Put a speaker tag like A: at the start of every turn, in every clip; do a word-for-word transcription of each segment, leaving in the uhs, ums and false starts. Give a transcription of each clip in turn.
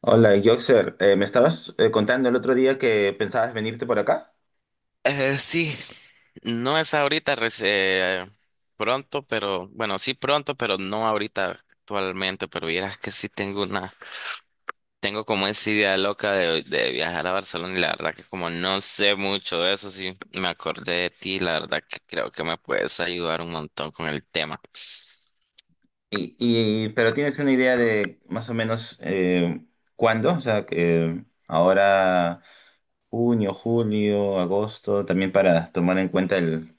A: Hola, Yoxer. Eh, me estabas eh, contando el otro día que pensabas venirte por acá,
B: Eh, sí, no es ahorita, reci- eh, pronto, pero bueno, sí pronto, pero no ahorita actualmente, pero vieras que sí tengo una, tengo como esa idea loca de, de viajar a Barcelona y la verdad que como no sé mucho de eso, sí me acordé de ti, la verdad que creo que me puedes ayudar un montón con el tema.
A: y, y- pero ¿tienes una idea de más o menos, eh, cuándo? O sea, que ahora junio, julio, agosto, también para tomar en cuenta el,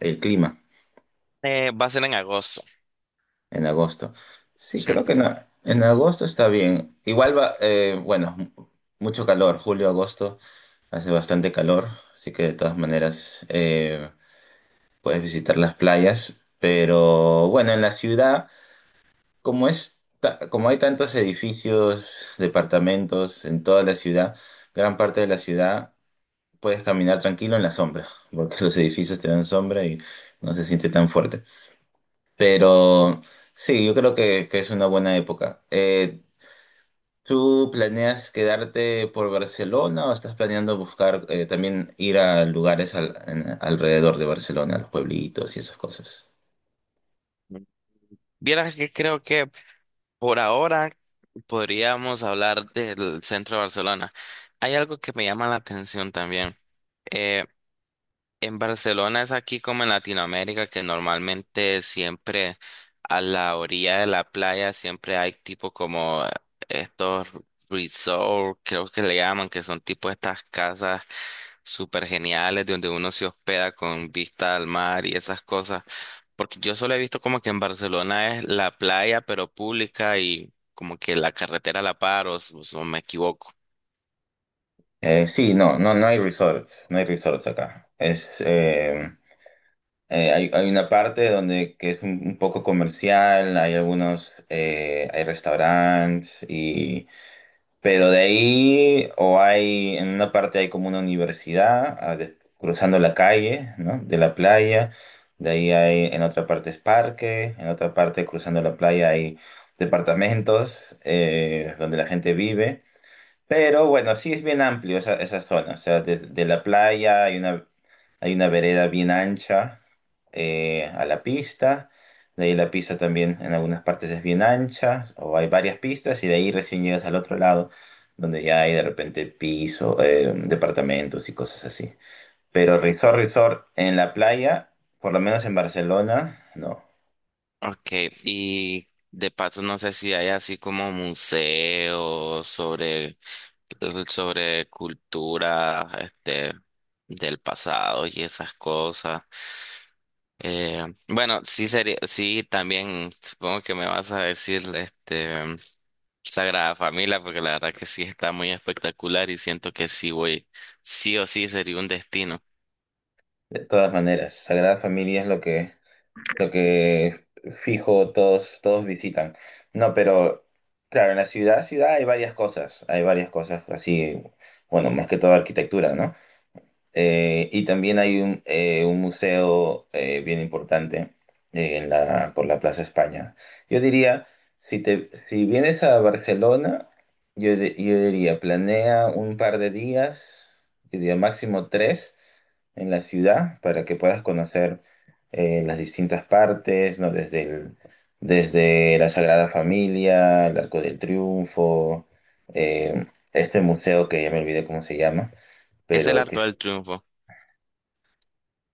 A: el clima
B: Eh, va a ser en agosto,
A: en agosto. Sí,
B: sí.
A: creo que en, a- en agosto está bien. Igual va, eh, bueno, mu- mucho calor, julio, agosto, hace bastante calor, así que de todas maneras eh, puedes visitar las playas, pero bueno, en la ciudad, como es, ta- como hay tantos edificios, departamentos en toda la ciudad, gran parte de la ciudad puedes caminar tranquilo en la sombra, porque los edificios te dan sombra y no se siente tan fuerte. Pero sí, yo creo que, que es una buena época. Eh, ¿tú planeas quedarte por Barcelona o estás planeando buscar eh, también ir a lugares al- en- alrededor de Barcelona, los pueblitos y esas cosas?
B: Vieras que creo que por ahora podríamos hablar del centro de Barcelona. Hay algo que me llama la atención también. eh, en Barcelona es aquí como en Latinoamérica que normalmente siempre a la orilla de la playa siempre hay tipo como estos resorts, creo que le llaman, que son tipo estas casas súper geniales donde uno se hospeda con vista al mar y esas cosas. Porque yo solo he visto como que en Barcelona es la playa pero pública y como que la carretera a la par o, s- o me equivoco.
A: Eh, sí, no, no, no hay resorts, no hay resorts acá. Es, eh, eh, hay, hay una parte donde que es un, un poco comercial, hay algunos, eh, hay restaurantes y, pero de ahí o hay en una parte hay como una universidad, ah, de- cruzando la calle, ¿no? De la playa. De ahí hay en otra parte es parque, en otra parte cruzando la playa hay departamentos, eh, donde la gente vive. Pero bueno, sí es bien amplio esa, esa zona. O sea, de, de la playa hay una, hay una vereda bien ancha eh, a la pista. De ahí la pista también en algunas partes es bien ancha o hay varias pistas y de ahí recién llegas al otro lado donde ya hay de repente piso, eh, departamentos y cosas así. Pero resort, resort en la playa, por lo menos en Barcelona, no.
B: Okay, y de paso no sé si hay así como museos sobre, sobre cultura, este, del pasado y esas cosas. Eh, bueno, sí sería, sí también supongo que me vas a decir, este, Sagrada Familia, porque la verdad que sí está muy espectacular y siento que sí voy, sí o sí sería un destino.
A: De todas maneras, Sagrada Familia es lo que, lo que fijo todos, todos visitan. No, pero claro, en la ciudad, ciudad hay varias cosas, hay varias cosas así, bueno, más que todo arquitectura, ¿no? Eh, y también hay un, eh, un museo eh, bien importante eh, en la, por la Plaza España. Yo diría, si te, si vienes a Barcelona, yo, di- yo diría, planea un par de días, yo diría máximo tres en la ciudad para que puedas conocer eh, las distintas partes, ¿no? Desde el- desde la Sagrada Familia, el Arco del Triunfo, eh, este museo que ya me olvidé cómo se llama
B: ¿Qué es el
A: pero que
B: Arco del Triunfo?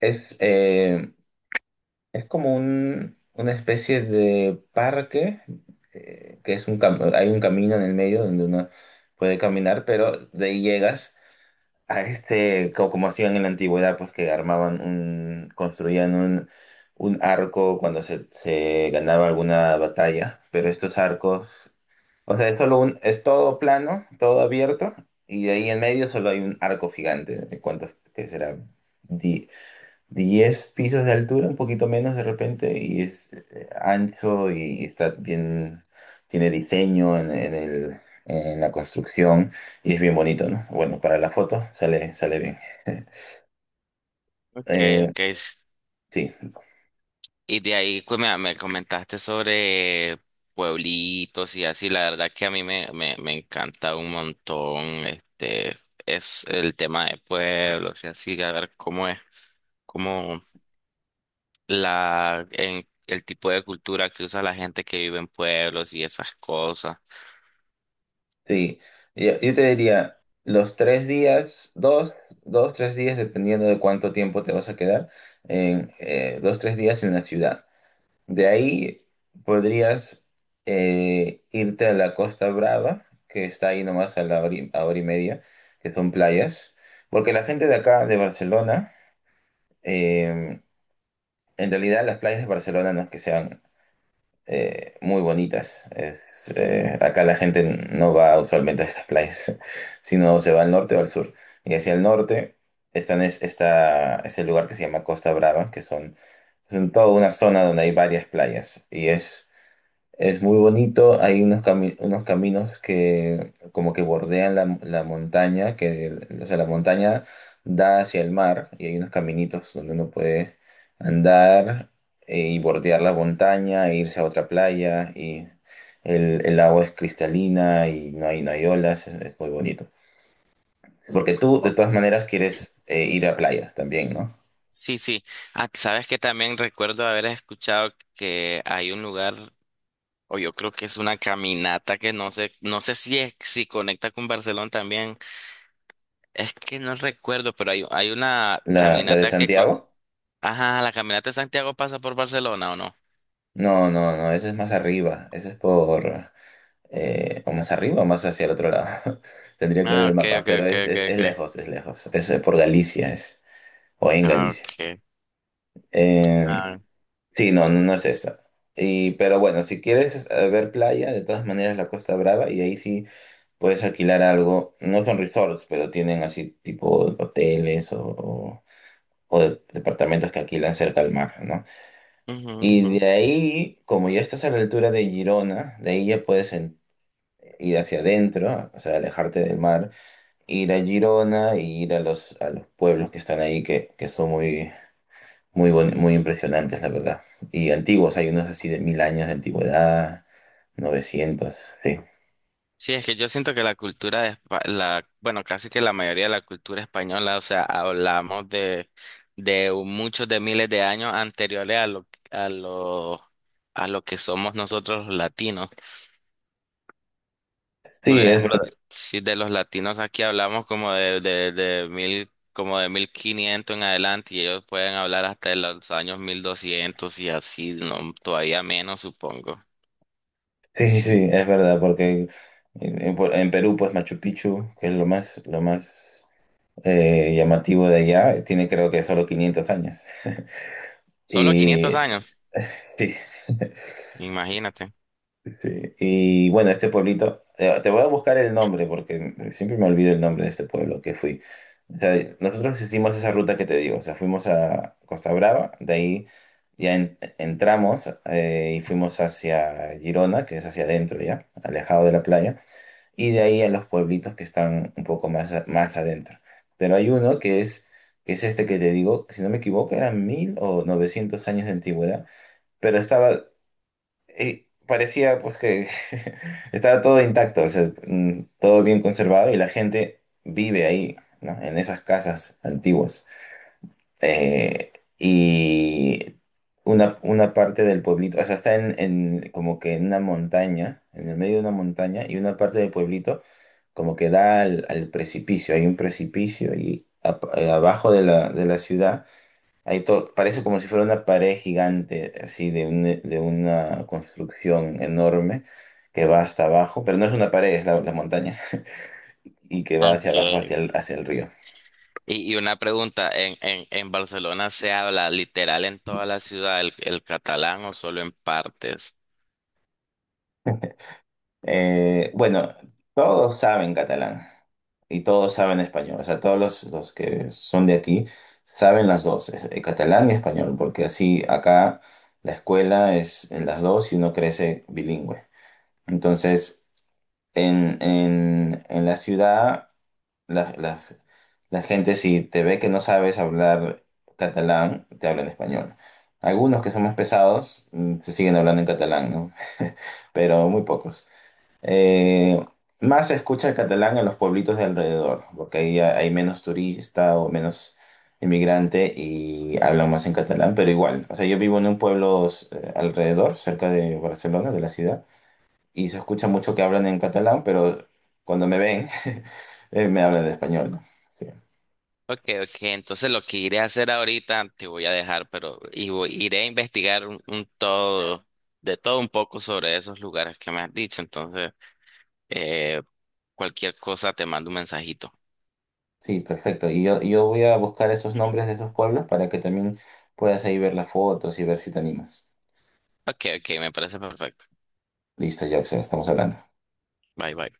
A: es, eh, es como un, una especie de parque, eh, que es un cam- hay un camino en el medio donde uno puede caminar, pero de ahí llegas a este, co- como hacían en la antigüedad, pues que armaban un, construían un, un arco cuando se, se ganaba alguna batalla, pero estos arcos, o sea, es solo un, es todo plano, todo abierto, y de ahí en medio solo hay un arco gigante, de cuántos, ¿que será? diez pisos de altura, un poquito menos de repente, y es eh, ancho y está bien, tiene diseño en, en el, en la construcción y es bien bonito, ¿no? Bueno, para la foto sale, sale bien.
B: Okay,
A: Eh,
B: okay.
A: sí,
B: Y de ahí pues, me, me comentaste sobre pueblitos y así, la verdad que a mí me, me, me encanta un montón, este, es el tema de pueblos y así, a ver cómo es, cómo la en el tipo de cultura que usa la gente que vive en pueblos y esas cosas.
A: sí. Yo, yo te diría, los tres días, dos, dos, tres días, dependiendo de cuánto tiempo te vas a quedar, en, eh, dos, tres días en la ciudad. De ahí podrías eh, irte a la Costa Brava, que está ahí nomás a la hora y, a hora y media, que son playas, porque la gente de acá, de Barcelona, eh, en realidad las playas de Barcelona no es que sean eh, muy bonitas. Es, eh, acá la gente no va usualmente a estas playas, sino se va al norte o al sur. Y hacia el norte están es, está este lugar que se llama Costa Brava, que son, son toda una zona donde hay varias playas y es es muy bonito, hay unos, cami- unos caminos que como que bordean la, la montaña, que, o sea, la montaña da hacia el mar y hay unos caminitos donde uno puede andar eh, y bordear la montaña e irse a otra playa y el, el agua es cristalina y no hay, no hay olas, es, es muy bonito. Porque tú de todas maneras quieres eh, ir a playa también, ¿no?
B: Sí, sí. Ah, sabes que también recuerdo haber escuchado que hay un lugar o yo creo que es una caminata que no sé, no sé si es, si conecta con Barcelona también. Es que no recuerdo, pero hay, hay una
A: La, la de
B: caminata que... co-
A: Santiago?
B: Ajá, la caminata de Santiago pasa por Barcelona, ¿o no?
A: No, no, no, esa es más arriba, esa es por, eh, o más arriba o más hacia el otro lado. Tendría que ver
B: Ah,
A: el
B: ok,
A: mapa,
B: ok,
A: pero
B: ok,
A: es,
B: ok,
A: es, es
B: ok.
A: lejos, es lejos. Es eh, Por Galicia, es, o en
B: Ah,
A: Galicia.
B: ok.
A: Eh,
B: Ah,
A: sí, no, no, no es esta. Y, pero bueno, si quieres eh, ver playa, de todas maneras la Costa Brava, y ahí sí puedes alquilar algo. No son resorts, pero tienen así tipo hoteles o, o- o de- departamentos que alquilan cerca al mar, ¿no?
B: ujú, ujú.
A: Y de ahí, como ya estás a la altura de Girona, de ahí ya puedes en- ir hacia adentro, o sea, alejarte del mar, ir a Girona y ir a los, a los pueblos que están ahí, que, que son muy, muy, buen- muy impresionantes, la verdad. Y antiguos, hay unos así de mil años de antigüedad, novecientos. Sí.
B: Sí, es que yo siento que la cultura de Espa- la, bueno, casi que la mayoría de la cultura española, o sea, hablamos de, de muchos de miles de años anteriores a lo, a lo, a lo que somos nosotros los latinos. Por
A: Sí, es
B: ejemplo, de-
A: verdad,
B: si de los latinos aquí hablamos como de, de, de mil, como de mil quinientos en adelante y ellos pueden hablar hasta de los años mil doscientos y así, no, todavía menos supongo.
A: sí,
B: Sí,
A: sí, es verdad, porque en, en Pu- en Perú, pues Machu Picchu, que es lo más, lo más eh, llamativo de allá, tiene creo que solo quinientos años.
B: solo quinientos
A: Y
B: años,
A: sí.
B: imagínate.
A: Sí, y bueno, este pueblito, eh, te voy a buscar el nombre porque siempre me olvido el nombre de este pueblo que fui. O sea, nosotros hicimos esa ruta que te digo, o sea, fuimos a Costa Brava, de ahí ya en- entramos eh, y fuimos hacia Girona, que es hacia adentro ya, alejado de la playa, y de ahí a los pueblitos que están un poco más, a- más adentro. Pero hay uno que es, que es este que te digo, si no me equivoco, eran mil o novecientos años de antigüedad, pero estaba y parecía pues que estaba todo intacto, o sea, mm, todo bien conservado y la gente vive ahí, ¿no? En esas casas antiguas. Eh, y una, una parte del pueblito, o sea, está en, en- como que en una montaña, en el medio de una montaña, y una parte del pueblito como que da al, al precipicio, hay un precipicio y a- eh, abajo de la, de la ciudad. Ahí to- parece como si fuera una pared gigante, así de, un- de una construcción enorme que va hasta abajo, pero no es una pared, es la, la montaña, y que va hacia abajo,
B: Okay,
A: hacia el, hacia el río.
B: y, y una pregunta, ¿en, en, en Barcelona se habla literal en toda la ciudad el, el catalán o solo en partes?
A: Eh, bueno, todos saben catalán y todos saben español, o sea, todos los, los que son de aquí saben las dos, eh, eh, catalán y español, porque así acá la escuela es en las dos y uno crece bilingüe. Entonces, en, en en la ciudad, las, las, la gente si te ve que no sabes hablar catalán, te habla en español. Algunos que son más pesados mm, se siguen hablando en catalán, ¿no? Pero muy pocos. Eh, Más se escucha el catalán en los pueblitos de alrededor, porque ahí ha- hay menos turista o menos inmigrante y hablan más en catalán, pero igual. O sea, yo vivo en un pueblo eh, alrededor, cerca de Barcelona, de la ciudad y se escucha mucho que hablan en catalán, pero cuando me ven, eh, me hablan de español, ¿no? Sí,
B: Ok, ok, entonces lo que iré a hacer ahorita te voy a dejar, pero y voy- iré a investigar un, un todo, de todo un poco sobre esos lugares que me has dicho. Entonces, eh, cualquier cosa te mando un mensajito.
A: sí, perfecto. Y yo, yo voy a buscar esos nombres de esos pueblos para que también puedas ahí ver las fotos y ver si te animas.
B: Ok, ok, me parece perfecto.
A: Listo, Jackson, estamos hablando.
B: Bye, bye.